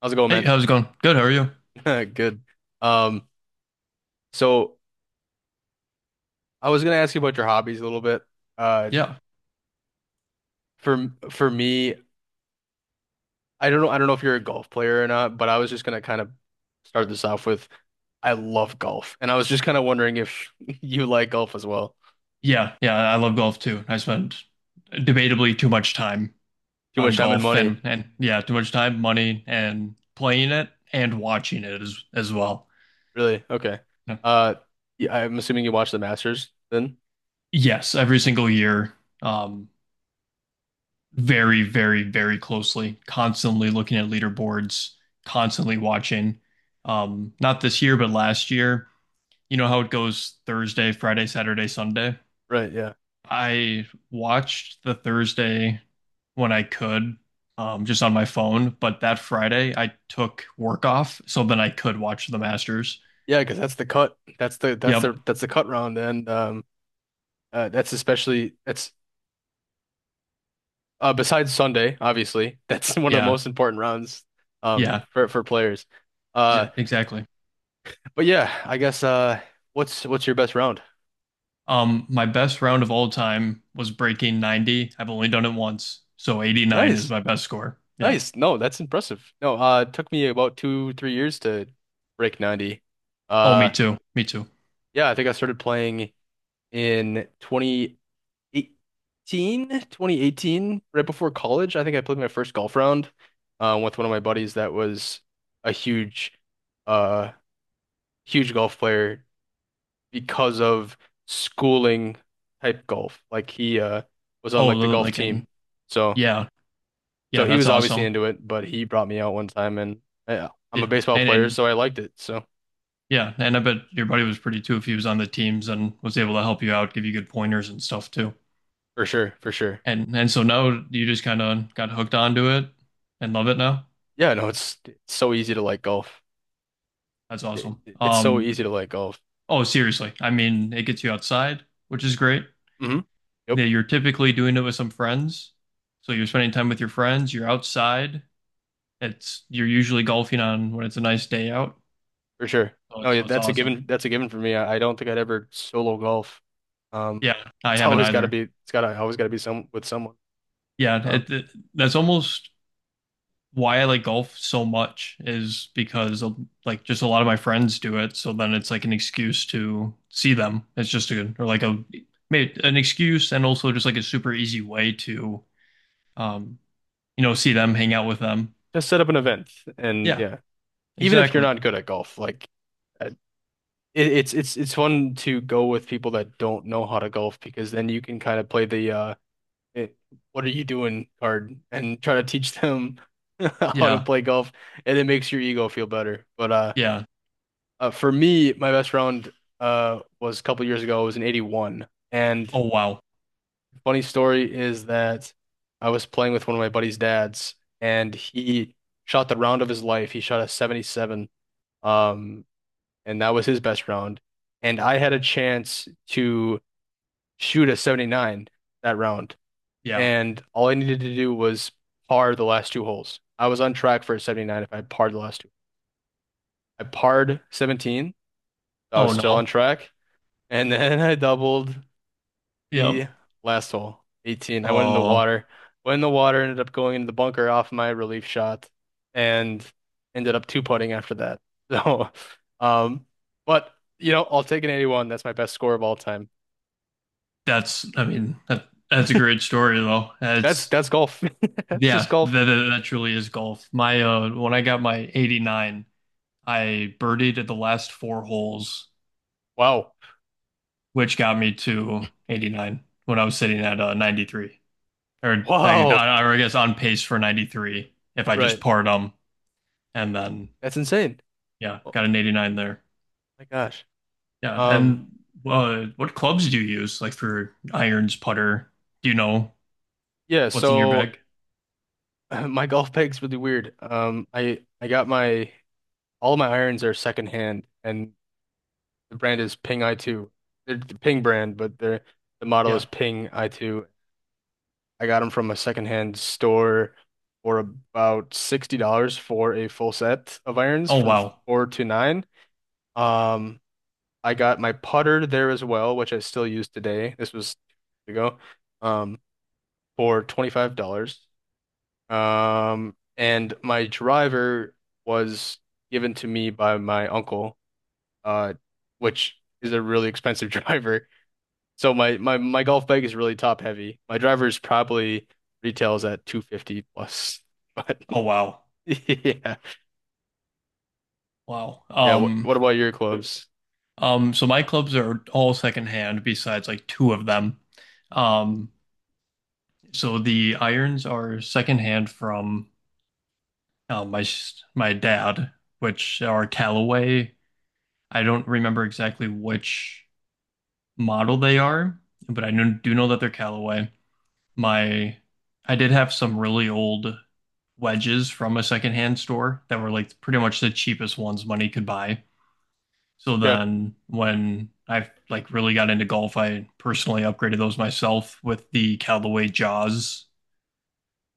How's it going, Hey, man? how's it going? Good, how are you? Good. Um, so I was gonna ask you about your hobbies a little bit. Uh, Yeah. for me, I don't know. I don't know if you're a golf player or not, but I was just gonna kind of start this off with I love golf, and I was just kind of wondering if you like golf as well. Yeah, yeah, I love golf too. I spend debatably too much time Too on much time and golf money, and yeah, too much time, money, and playing it and watching it as well. really? Okay. Yeah. Uh, yeah, I'm assuming you watch the Masters then, Yes, every single year, um, very, very, very closely, constantly looking at leaderboards, constantly watching. Not this year, but last year. You know how it goes Thursday, Friday, Saturday, Sunday. right? Yeah, I watched the Thursday when I could, just on my phone, but that Friday I took work off so then I could watch the Masters. yeah, because that's the cut. That's the that's Yep. the that's the cut round, and that's especially that's besides Sunday, obviously, that's one of the Yeah. most important rounds um Yeah. for for players. Uh, Exactly. but yeah, I guess what's your best round? My best round of all time was breaking 90. I've only done it once, so 89 is Nice, my best score. Yeah. nice. No, that's impressive. No, it took me about two three years to break 90. Oh, me Uh, too. Me too. yeah, I think I started playing in twenty eighteen right before college. I think I played my first golf round with one of my buddies that was a uh, huge golf player because of schooling type golf. Like he was on Oh, like the golf like and team. So yeah. so Yeah, he that's was obviously awesome. into it, but he brought me out one time and yeah, I'm a Yeah. baseball player, And so I liked it. So Yeah, and I bet your buddy was pretty too if he was on the teams and was able to help you out, give you good pointers and stuff too. for sure, for sure. And so now you just kind of got hooked onto it and love it now. Yeah, no, it's so easy to like golf. That's It, awesome. it's so Um, easy to like golf. oh, seriously, I mean, it gets you outside, which is great. Hmm. Yeah, Yep, you're typically doing it with some friends, so you're spending time with your friends. You're outside. It's You're usually golfing on when it's a nice day out. for sure. So No, it's, yeah, so it's that's a awesome. given. That's a given for me. I don't think I'd ever solo golf. Um, Yeah, I it's haven't always got to either. be. It's got to always got to be some with someone. Yeah, Um, that's almost why I like golf so much is because of, like just a lot of my friends do it, so then it's like an excuse to see them. It's just a or like a maybe an excuse and also just like a super easy way to um see them, hang out with them. just set up an event, and Yeah, yeah, even if you're exactly. not good at golf, like it, it's fun to go with people that don't know how to golf because then you can kind of play the it, what are you doing card and try to teach them how to Yeah. play golf, and it makes your ego feel better. But Yeah. For me, my best round was a couple years ago. It was an 81, and Oh wow. funny story is that I was playing with one of my buddy's dads, and he shot the round of his life. He shot a 77. Um, and that was his best round. And I had a chance to shoot a 79 that round, Yeah. and all I needed to do was par the last two holes. I was on track for a 79 if I parred the last two. I parred 17, so I was Oh still on no. track, and then I doubled, the Yep. last hole, 18. I went in the Oh, water. Went in the water, ended up going into the bunker off my relief shot, and ended up two putting after that. So, um, but I'll take an 81. That's my best score of all time. that's I mean that's a great story though. That's That's that's golf. That's just yeah, golf. That truly is golf. My when I got my 89, I birdied at the last four holes, Wow. which got me to 89 when I was sitting at 93. Or I, Wow. or I guess on pace for 93 if I just Right. parred them. And then, That's insane. yeah, Oh got an 89 there. my gosh. Yeah. Um, And what clubs do you use, like for irons, putter? Do you know yeah, what's in your so bag? my golf bag's really weird. I got my All my irons are secondhand, and the brand is Ping i2. They're the Ping brand, but they're the model Yeah. is Ping i2. I got them from a secondhand store for about $60 for a full set of irons Oh, from wow. four to nine. Um, I got my putter there as well, which I still use today. This was 2 years ago, um, for $25. And my driver was given to me by my uncle, uh, which is a really expensive driver. So my golf bag is really top heavy. My driver's probably retails at 250 plus. But Oh, wow. yeah. Wow. Yeah, what, Um, what about your clubs? um, so my clubs are all secondhand besides like two of them. Um, So the irons are secondhand from my dad, which are Callaway. I don't remember exactly which model they are, but I do know that they're Callaway. My I did have some really old wedges from a secondhand store that were like pretty much the cheapest ones money could buy. So Okay. then when I like really got into golf, I personally upgraded those myself with the Callaway Jaws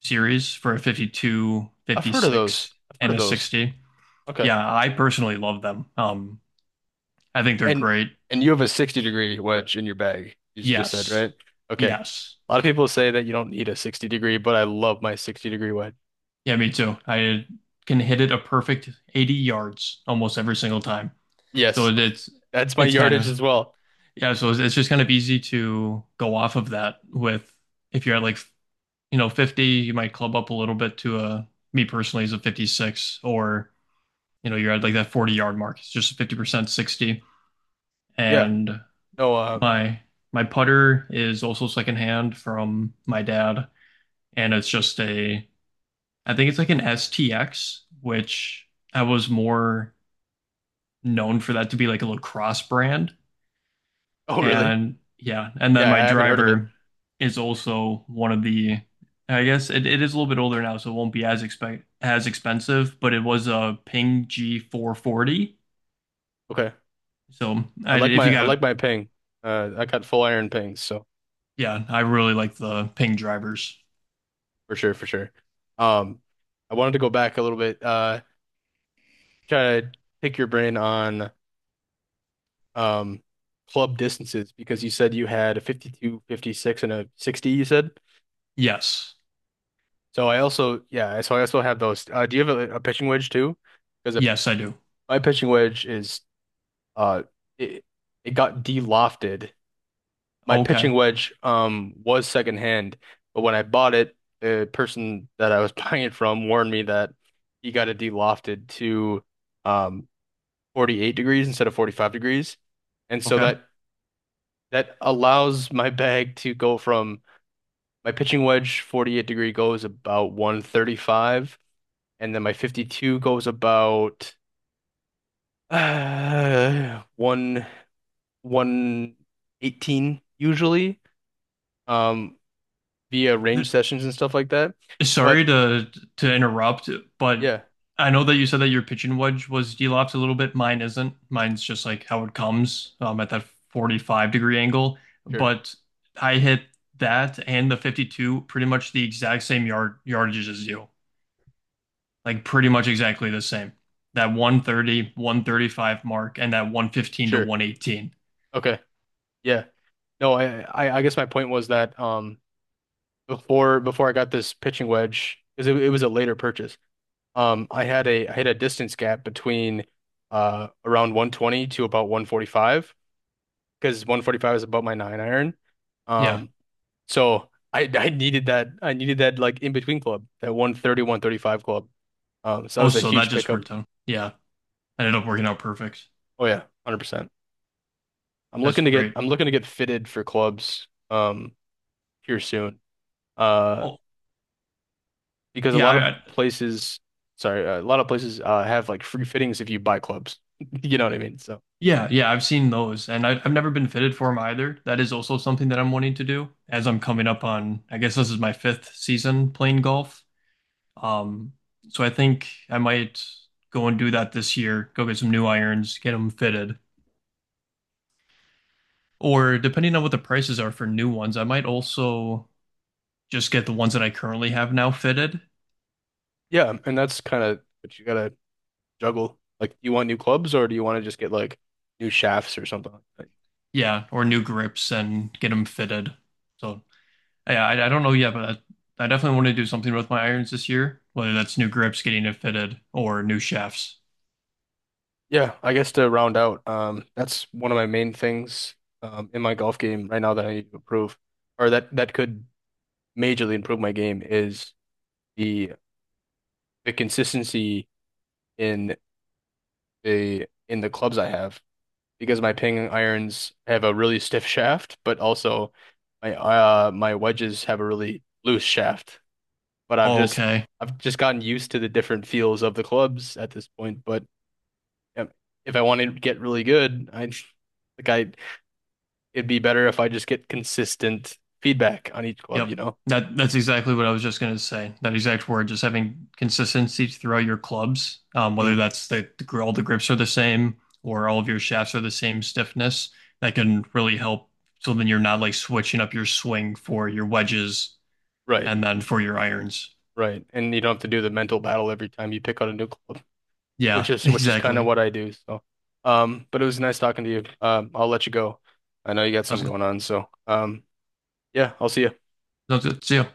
series for a 52, I've heard of those. 56, I've heard and of a those. 60. Okay. Yeah, I personally love them. I think they're And great. and you have a 60-degree wedge in your bag. You just said, Yes. right? Okay. Yes. A lot of people say that you don't need a 60 degree, but I love my 60-degree wedge. Yeah, me too. I can hit it a perfect 80 yards almost every single time. So Yes. it- it's That's my it's kind yardage of, as well. yeah, so it's just kind of easy to go off of that with if you're at like, you know, 50, you might club up a little bit to a me personally is a 56 or you know, you're at like that 40-yard mark. It's just 50% 60 Yeah. and No, My my putter is also secondhand from my dad, and it's just a I think it's like an STX, which I was more known for that to be like a lacrosse brand. oh, really? And yeah, and then Yeah, I my haven't heard of it. driver is also one of the I guess it is a little bit older now, so it won't be as expect as expensive, but it was a Ping G440. Okay. So I I, like if my you I got like my Ping. I got full iron pings, so yeah, I really like the Ping drivers. for sure, for sure. Um, I wanted to go back a little bit, try to pick your brain on um club distances because you said you had a 52, 56, and a 60, you said. Yes. So I also, yeah, so I also have those. Do you have a pitching wedge too? Because a, Yes, I do. my pitching wedge uh it, it got de-lofted. My pitching Okay. wedge was secondhand, but when I bought it, the person that I was buying it from warned me that he got it de-lofted to um 48 degrees instead of 45 degrees. And so Okay. that allows my bag to go from my pitching wedge 48-degree goes about 135, and then my 52 goes about 1 118 usually um via Th- range sessions and stuff like that. Sorry But to interrupt, but yeah, I know that you said that your pitching wedge was elapsed a little bit. Mine isn't. Mine's just like how it comes at that 45-degree angle. sure. But I hit that and the 52 pretty much the exact same yardages as you. Like pretty much exactly the same. That one thirty-one thirty-five mark and that 115 to Sure. 118. Okay. Yeah. No, I guess my point was that before I got this pitching wedge because it was a later purchase. I had a distance gap between around 120 to about 145 because 145 is about my nine iron. Yeah. Um, so I needed that like in between club that one thirty one thirty five club. So that Oh, was a so that huge just pickup. worked out. Yeah. Ended up working out perfect. Oh yeah, 100%. I'm That's looking to get great. I'm looking to get fitted for clubs here soon. Uh, Oh, because a lot of yeah. places, sorry, a lot of places have like free fittings if you buy clubs. You know what I mean? So. Yeah, yeah, I've seen those, and I've never been fitted for them either. That is also something that I'm wanting to do as I'm coming up on, I guess this is my fifth season playing golf. Um, so I think I might go and do that this year, go get some new irons, get them fitted. Or depending on what the prices are for new ones, I might also just get the ones that I currently have now fitted. Yeah, and that's kind of what you gotta juggle. Like, do you want new clubs or do you want to just get like new shafts or something like that? Yeah, or new grips and get them fitted. So Yeah, I don't know yet, but I definitely want to do something with my irons this year, whether that's new grips, getting it fitted, or new shafts. Yeah, I guess to round out, that's one of my main things in my golf game right now that I need to improve, or that could majorly improve my game is the the consistency in in the clubs I have because my Ping irons have a really stiff shaft, but also my my wedges have a really loose shaft. But I've just Okay. I've just gotten used to the different feels of the clubs at this point. But um, if I want to get really good, I like I it'd be better if I just get consistent feedback on each club, you Yep. know? That's exactly what I was just gonna say. That exact word, just having consistency throughout your clubs, whether Mm, that's all the grips are the same or all of your shafts are the same stiffness, that can really help. So then you're not like switching up your swing for your wedges right, and then for your irons. right. And you don't have to do the mental battle every time you pick out a new club, which Yeah, is which is kind of exactly. what I do. So, but it was nice talking to you. I'll let you go. I know you got That was something good. going on, so yeah, I'll see you. That was good. See you.